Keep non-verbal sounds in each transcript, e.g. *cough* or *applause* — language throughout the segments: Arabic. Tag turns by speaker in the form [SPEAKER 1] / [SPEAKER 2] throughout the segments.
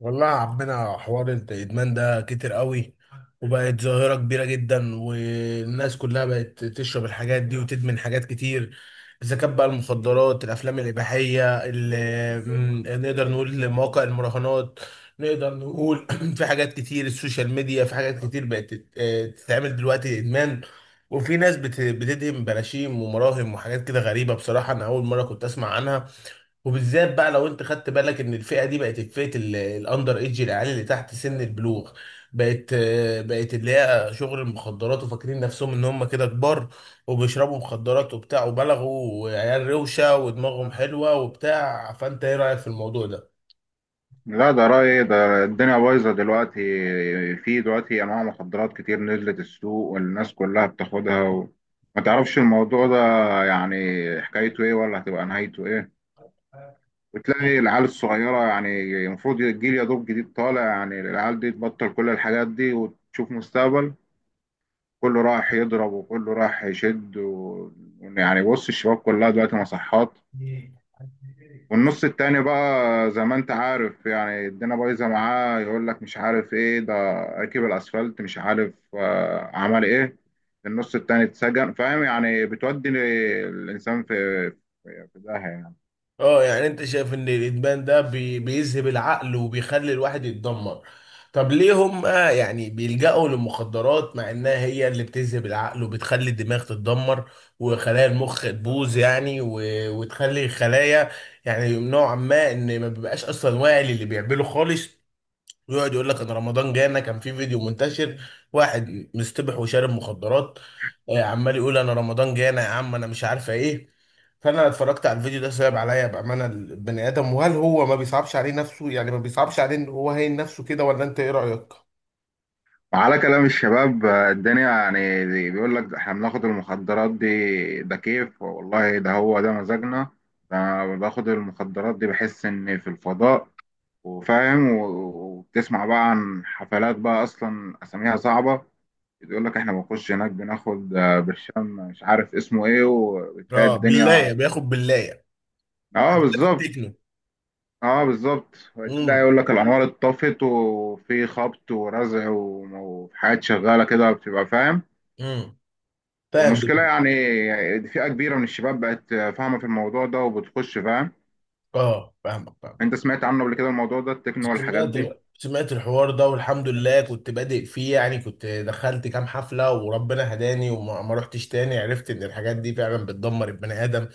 [SPEAKER 1] والله يا عمنا حوار الادمان ده كتير قوي. وبقت ظاهرة كبيرة جدا والناس كلها بقت تشرب الحاجات دي وتدمن حاجات كتير. اذا كانت بقى المخدرات الافلام الاباحية ال- م، نقدر نقول مواقع المراهنات. نقدر نقول *clears throat* في حاجات كتير السوشيال ميديا، في حاجات كتير بقت تتعمل دلوقتي ادمان. وفي ناس بتدهم براشيم ومراهم وحاجات كده غريبة، بصراحة انا اول مرة كنت اسمع عنها. وبالذات بقى لو انت خدت بالك ان الفئه دي بقت فئه الاندر ايدج، العيال اللي تحت سن البلوغ. بقت اللي هي شغل المخدرات وفاكرين نفسهم ان هم كده كبار، وبيشربوا مخدرات وبتاع وبلغوا وعيال روشه ودماغهم حلوه وبتاع. فانت ايه رايك في الموضوع ده؟
[SPEAKER 2] لا، ده رأيي ده، الدنيا بايظة دلوقتي. في دلوقتي أنواع مخدرات كتير نزلت السوق والناس كلها بتاخدها وما تعرفش الموضوع ده يعني حكايته إيه ولا هتبقى نهايته إيه. وتلاقي العيال الصغيرة، يعني المفروض الجيل يا دوب جديد طالع، يعني العيال دي تبطل كل الحاجات دي وتشوف مستقبل. كله راح يضرب وكله راح يشد يعني بص الشباب كلها دلوقتي مصحات. والنص التاني بقى زي ما انت عارف، يعني الدنيا بايظه معاه، يقول لك مش عارف ايه ده، ركب الاسفلت، مش عارف آه، عمل ايه. النص التاني اتسجن، فاهم؟ يعني بتودي الانسان في في داهيه يعني.
[SPEAKER 1] اه، يعني انت شايف ان الادمان ده بيذهب العقل وبيخلي الواحد يتدمر. طب ليه هم يعني بيلجأوا للمخدرات مع انها هي اللي بتذهب العقل وبتخلي الدماغ تتدمر وخلايا المخ تبوظ يعني وتخلي الخلايا يعني نوعا ما ان ما بيبقاش اصلا واعي للي بيعمله خالص. ويقعد يقول لك ان رمضان جانا، كان في فيديو منتشر واحد مستبح وشارب مخدرات، عمال يقول انا رمضان جانا يا عم انا مش عارفه ايه. فانا اتفرجت على الفيديو ده، صعب عليا بامانه البني ادم، وهل هو ما بيصعبش عليه نفسه، يعني ما بيصعبش عليه ان هو هين نفسه كده؟ ولا انت ايه رايك؟
[SPEAKER 2] وعلى كلام الشباب آه، الدنيا يعني بيقول لك احنا بناخد المخدرات دي، ده كيف والله، ده هو ده مزاجنا. ده أنا باخد المخدرات دي بحس اني في الفضاء وفاهم وبتسمع بقى عن حفلات بقى اصلا اساميها صعبه. بيقول لك احنا بنخش هناك بناخد آه، برشام مش عارف اسمه ايه، وبتلاقي
[SPEAKER 1] اه
[SPEAKER 2] الدنيا.
[SPEAKER 1] بالله بياخد بالله.
[SPEAKER 2] اه
[SPEAKER 1] حفلات
[SPEAKER 2] بالظبط.
[SPEAKER 1] التكنو.
[SPEAKER 2] اه بالظبط، وتلاقي
[SPEAKER 1] امم
[SPEAKER 2] يقول لك الانوار اتطفت وفي خبط ورزع وحاجات شغاله كده، بتبقى فاهم.
[SPEAKER 1] امم فاهم دي.
[SPEAKER 2] والمشكله يعني فئه كبيره من الشباب بقت فاهمه في الموضوع ده وبتخش، فاهم؟
[SPEAKER 1] اه، فاهمك فاهمك.
[SPEAKER 2] انت سمعت عنه قبل كده الموضوع ده، التكنو والحاجات
[SPEAKER 1] سمعت
[SPEAKER 2] دي؟
[SPEAKER 1] سمعت الحوار ده والحمد لله، كنت بادئ فيه يعني، كنت دخلت كام حفلة وربنا هداني وما ما رحتش تاني، عرفت ان الحاجات دي فعلا بتدمر البني ادم.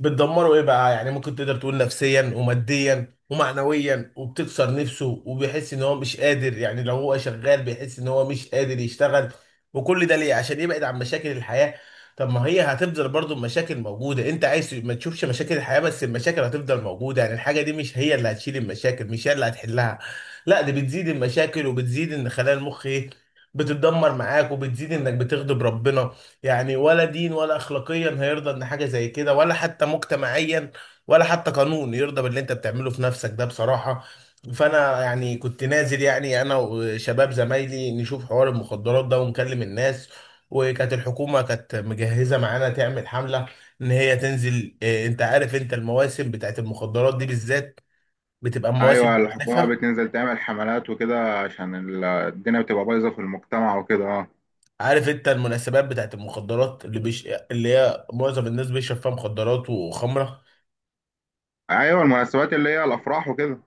[SPEAKER 1] بتدمره ايه بقى؟ يعني ممكن تقدر تقول نفسيا وماديا ومعنويا، وبتكسر نفسه وبيحس ان هو مش قادر، يعني لو هو شغال بيحس ان هو مش قادر يشتغل. وكل ده ليه؟ عشان يبعد عن مشاكل الحياة. طب ما هي هتفضل برضو مشاكل موجودة، انت عايز ما تشوفش مشاكل الحياة بس المشاكل هتفضل موجودة، يعني الحاجة دي مش هي اللي هتشيل المشاكل، مش هي اللي هتحلها. لا، دي بتزيد المشاكل وبتزيد ان خلايا المخ ايه، بتتدمر معاك، وبتزيد انك بتغضب ربنا. يعني ولا دين ولا اخلاقيا هيرضى ان حاجه زي كده، ولا حتى مجتمعيا ولا حتى قانون يرضى باللي انت بتعمله في نفسك ده بصراحه. فانا يعني كنت نازل، يعني انا وشباب زمايلي نشوف حوار المخدرات ده ونكلم الناس. وكانت الحكومه كانت مجهزه معانا تعمل حمله ان هي تنزل انت عارف انت المواسم بتاعت المخدرات دي بالذات بتبقى
[SPEAKER 2] ايوه،
[SPEAKER 1] مواسم
[SPEAKER 2] الحكومه
[SPEAKER 1] عارفها.
[SPEAKER 2] بتنزل تعمل حملات وكده عشان الدنيا بتبقى بايظه في المجتمع وكده، اه.
[SPEAKER 1] عارف انت المناسبات بتاعت المخدرات اللي هي معظم الناس بيشرب فيها مخدرات وخمره.
[SPEAKER 2] ايوه، المناسبات اللي هي الافراح وكده.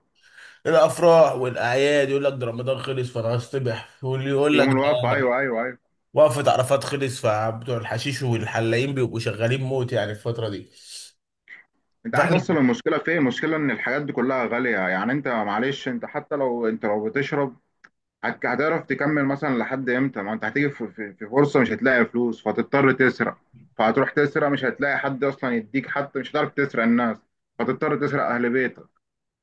[SPEAKER 1] الافراح والاعياد، يقول لك ده رمضان خلص فانا هصطبح، واللي يقول لك
[SPEAKER 2] يوم الوقفة،
[SPEAKER 1] ده
[SPEAKER 2] أيوه أيوه أيوه.
[SPEAKER 1] وقفة عرفات خلص، فبتوع الحشيش والحلاقين بيبقوا شغالين موت يعني الفترة دي.
[SPEAKER 2] أنت عارف
[SPEAKER 1] فاحنا
[SPEAKER 2] أصلا المشكلة فين؟ المشكلة إن الحاجات دي كلها غالية، يعني أنت معلش، أنت حتى لو أنت لو بتشرب هتعرف تكمل مثلا لحد إمتى؟ ما أنت هتيجي في في فرصة مش هتلاقي فلوس فهتضطر تسرق. فهتروح تسرق، مش هتلاقي حد أصلا يديك، حتى مش هتعرف تسرق الناس، فتضطر تسرق أهل بيتك.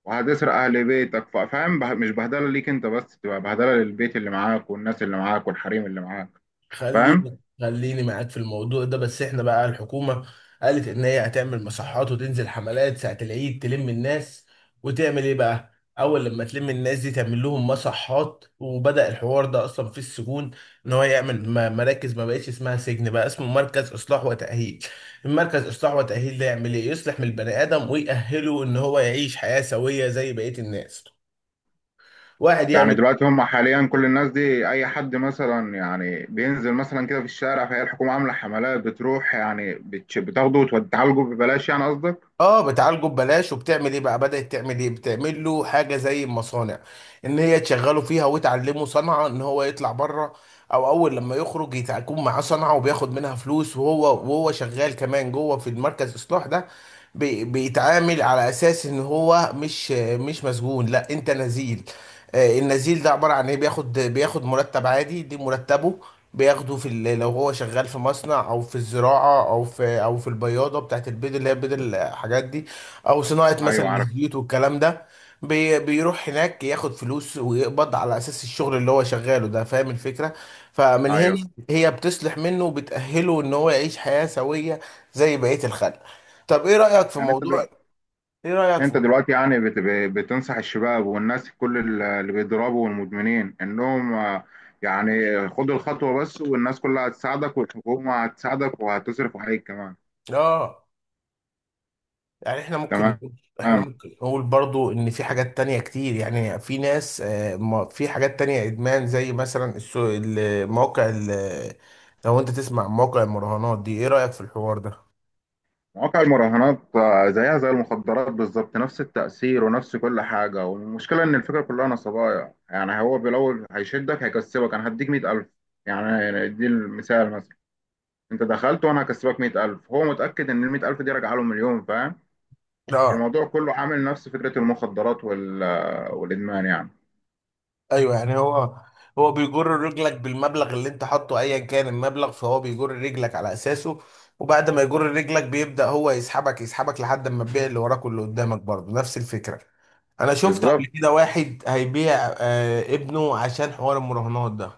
[SPEAKER 2] وهتسرق أهل بيتك، فاهم؟ مش بهدلة ليك أنت بس، تبقى بهدلة للبيت اللي معاك والناس اللي معاك والحريم اللي معاك. فاهم؟
[SPEAKER 1] خليني خليني معاك في الموضوع ده، بس احنا بقى الحكومة قالت ان هي هتعمل مصحات وتنزل حملات ساعة العيد، تلم الناس وتعمل ايه بقى. اول لما تلم الناس دي تعمل لهم مصحات، وبدأ الحوار ده اصلا في السجون، ان هو يعمل مراكز. ما بقتش اسمها سجن، بقى اسمه مركز اصلاح وتأهيل. المركز اصلاح وتأهيل ده يعمل ايه؟ يصلح من البني ادم ويأهله ان هو يعيش حياة سوية زي بقية الناس. واحد
[SPEAKER 2] يعني
[SPEAKER 1] يعمل.
[SPEAKER 2] دلوقتي هم حاليا كل الناس دي، اي حد مثلا يعني بينزل مثلا كده في الشارع، فهي الحكومه عامله حملات بتروح يعني بتاخده وتعالجه ببلاش، يعني قصدك؟
[SPEAKER 1] اه، بتعالجه ببلاش وبتعمل ايه بقى، بدأت تعمل ايه، بتعمل له حاجه زي المصانع ان هي تشغله فيها وتعلمه صنعه ان هو يطلع بره. او اول لما يخرج يكون معاه صنعه وبياخد منها فلوس، وهو وهو شغال كمان جوه في المركز الاصلاح ده. بيتعامل على اساس ان هو مش مسجون، لا انت نزيل. النزيل ده عباره عن ايه؟ بياخد مرتب عادي، دي مرتبه. بياخده في لو هو شغال في مصنع، او في الزراعه، او في البياضه بتاعت البيض اللي هي بيض الحاجات دي، او صناعه مثلا
[SPEAKER 2] ايوه عارف.
[SPEAKER 1] الزيوت والكلام ده. بيروح هناك ياخد فلوس ويقبض على اساس الشغل اللي هو شغاله ده، فاهم الفكره؟ فمن هنا
[SPEAKER 2] ايوه،
[SPEAKER 1] هي بتصلح منه وبتأهله ان هو يعيش حياه سويه زي بقيه الخلق. طب ايه رأيك في
[SPEAKER 2] يعني انت
[SPEAKER 1] موضوع
[SPEAKER 2] دلوقتي،
[SPEAKER 1] ايه رأيك في
[SPEAKER 2] انت
[SPEAKER 1] موضوع
[SPEAKER 2] دلوقتي يعني بتنصح الشباب والناس كل اللي بيضربوا والمدمنين انهم آه، يعني خدوا الخطوه بس، والناس كلها هتساعدك والحكومه هتساعدك وهتصرف عليك كمان.
[SPEAKER 1] اه، يعني احنا ممكن
[SPEAKER 2] تمام.
[SPEAKER 1] نقول برضو ان في حاجات تانية كتير، يعني في ناس في حاجات تانية ادمان زي مثلا المواقع لو انت تسمع عن مواقع المراهنات دي، ايه رأيك في الحوار ده؟
[SPEAKER 2] مواقع المراهنات آه، زيها زي المخدرات بالظبط، نفس التأثير ونفس كل حاجة. والمشكلة إن الفكرة كلها نصبايا، يعني هو بالأول هيشدك، هيكسبك، أنا هديك مية ألف، يعني دي المثال مثلا، أنت دخلت وأنا هكسبك مية ألف، هو متأكد إن المية ألف دي راجعة له مليون، فاهم؟
[SPEAKER 1] اه
[SPEAKER 2] فالموضوع كله عامل نفس فكرة المخدرات والإدمان يعني.
[SPEAKER 1] ايوه، يعني هو بيجر رجلك بالمبلغ اللي انت حاطه ايا كان المبلغ، فهو بيجر رجلك على اساسه، وبعد ما يجر رجلك بيبدأ هو يسحبك يسحبك لحد ما تبيع اللي وراك واللي قدامك، برضه نفس الفكرة. انا شفت قبل
[SPEAKER 2] بالظبط.
[SPEAKER 1] كده واحد هيبيع ابنه عشان حوار المراهنات ده.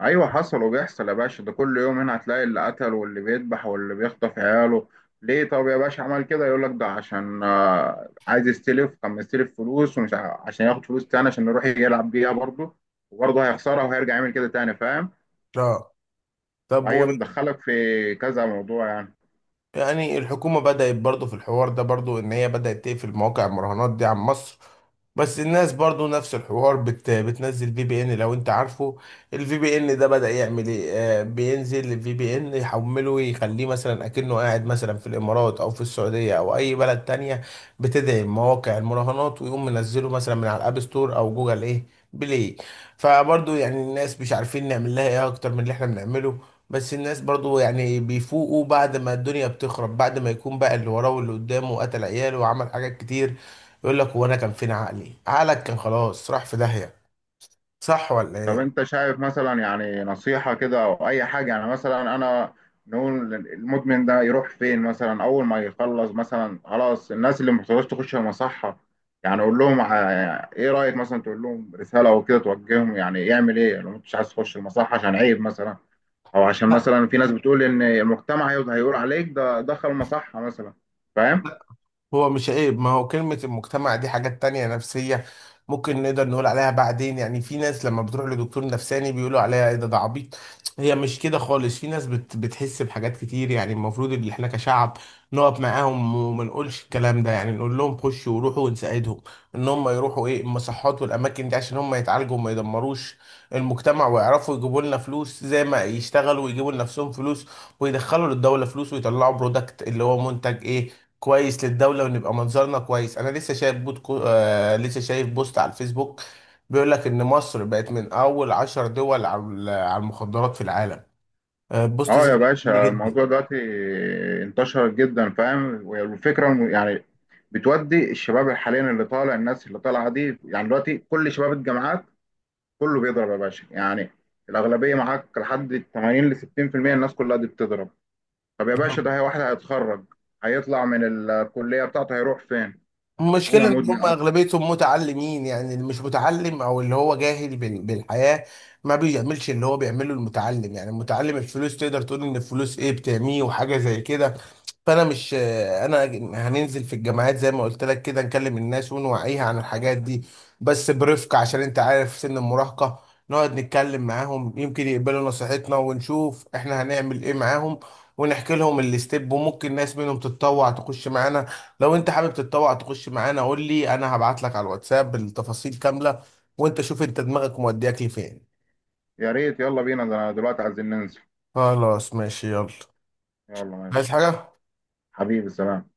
[SPEAKER 2] ايوه حصل وبيحصل يا باشا، ده كل يوم هنا هتلاقي اللي قتل واللي بيذبح واللي بيخطف عياله. ليه طب يا باشا عمل كده؟ يقول لك ده عشان آه، عايز يستلف، كان مستلف فلوس، ومش عشان ياخد فلوس تاني عشان يروح يلعب بيها برضه، وبرضه هيخسرها وهيرجع يعمل كده تاني، فاهم؟
[SPEAKER 1] اه، طب
[SPEAKER 2] وهي بتدخلك في كذا موضوع يعني.
[SPEAKER 1] يعني الحكومة بدأت برضو في الحوار ده، برضو إن هي بدأت تقفل مواقع المراهنات دي عن مصر، بس الناس برضو نفس الحوار بتنزل في بي إن لو أنت عارفه. الفي بي إن ده بدأ يعمل إيه؟ بينزل الفي بي إن يحمله يخليه مثلا أكنه قاعد مثلا في الإمارات أو في السعودية أو أي بلد تانية بتدعم مواقع المراهنات، ويقوم منزله مثلا من على الأب ستور أو جوجل إيه بلاي. فبرضو يعني الناس مش عارفين نعمل لها إيه أكتر من اللي إحنا بنعمله. بس الناس برضو يعني بيفوقوا بعد ما الدنيا بتخرب، بعد ما يكون بقى اللي وراه واللي قدامه وقتل عياله وعمل حاجات كتير، يقول لك هو انا كان فين عقلي؟ عقلك كان خلاص راح في داهية. صح ولا
[SPEAKER 2] طب
[SPEAKER 1] ايه؟
[SPEAKER 2] انت شايف مثلا يعني نصيحة كده او اي حاجة، يعني مثلا انا نقول المدمن ده يروح فين مثلا اول ما يخلص مثلا خلاص، الناس اللي محتاجاش تخش المصحة، يعني اقول لهم ايه رأيك مثلا تقول لهم رسالة او كده توجههم، يعني يعمل ايه لو انت مش عايز تخش المصحة عشان عيب مثلا، او عشان
[SPEAKER 1] لا،
[SPEAKER 2] مثلا في ناس بتقول ان المجتمع هيقول عليك ده دخل مصحة مثلا، فاهم؟
[SPEAKER 1] هو مش عيب، ما هو كلمة المجتمع دي حاجات تانية نفسية، ممكن نقدر نقول عليها بعدين. يعني في ناس لما بتروح لدكتور نفساني بيقولوا عليها ايه، ده عبيط. هي مش كده خالص، في ناس بتحس بحاجات كتير. يعني المفروض ان احنا كشعب نقف معاهم وما نقولش الكلام ده، يعني نقول لهم خشوا وروحوا ونساعدهم ان هم يروحوا ايه المصحات والاماكن دي، عشان هم يتعالجوا وما يدمروش المجتمع، ويعرفوا يجيبوا لنا فلوس زي ما يشتغلوا ويجيبوا لنفسهم فلوس، ويدخلوا للدولة فلوس، ويطلعوا برودكت اللي هو منتج ايه، كويس للدولة، ونبقى منظرنا كويس. انا لسه شايف بوت كو... آه لسه شايف بوست على الفيسبوك بيقول لك ان مصر بقت من اول 10 دول على المخدرات في العالم. آه، بوست
[SPEAKER 2] اه
[SPEAKER 1] زي
[SPEAKER 2] يا
[SPEAKER 1] ده جنني
[SPEAKER 2] باشا الموضوع
[SPEAKER 1] جدا.
[SPEAKER 2] دلوقتي انتشر جدا، فاهم؟ والفكره إنه يعني بتودي الشباب حاليا، اللي طالع الناس اللي طالعه دي يعني دلوقتي كل شباب الجامعات كله بيضرب يا باشا، يعني الاغلبيه معاك لحد 80 ل 60%، الناس كلها دي بتضرب. طب يا باشا ده هي واحد هيتخرج، هيطلع من الكليه بتاعته هيروح فين
[SPEAKER 1] المشكلة
[SPEAKER 2] وهو
[SPEAKER 1] ان
[SPEAKER 2] مدمن
[SPEAKER 1] هم
[SPEAKER 2] اصلا؟
[SPEAKER 1] اغلبيتهم متعلمين، يعني اللي مش متعلم او اللي هو جاهل بالحياة ما بيعملش اللي هو بيعمله المتعلم، يعني المتعلم الفلوس تقدر تقول ان الفلوس ايه، بتعميه وحاجة زي كده. فانا مش انا هننزل في الجامعات زي ما قلت لك كده، نكلم الناس ونوعيها عن الحاجات دي بس برفق، عشان انت عارف سن المراهقة. نقعد نتكلم معاهم يمكن يقبلوا نصيحتنا، ونشوف احنا هنعمل ايه معاهم، ونحكي لهم الاستيب، وممكن ناس منهم تتطوع تخش معانا. لو انت حابب تتطوع تخش معانا قول لي، انا هبعت لك على الواتساب التفاصيل كاملة، وانت شوف انت دماغك مودياك لفين.
[SPEAKER 2] يا ريت، يلا بينا، ده أنا دلوقتي عايزين ننزل.
[SPEAKER 1] خلاص ماشي يلا.
[SPEAKER 2] يلا
[SPEAKER 1] عايز
[SPEAKER 2] ماشي.
[SPEAKER 1] حاجة؟
[SPEAKER 2] حبيبي سلام.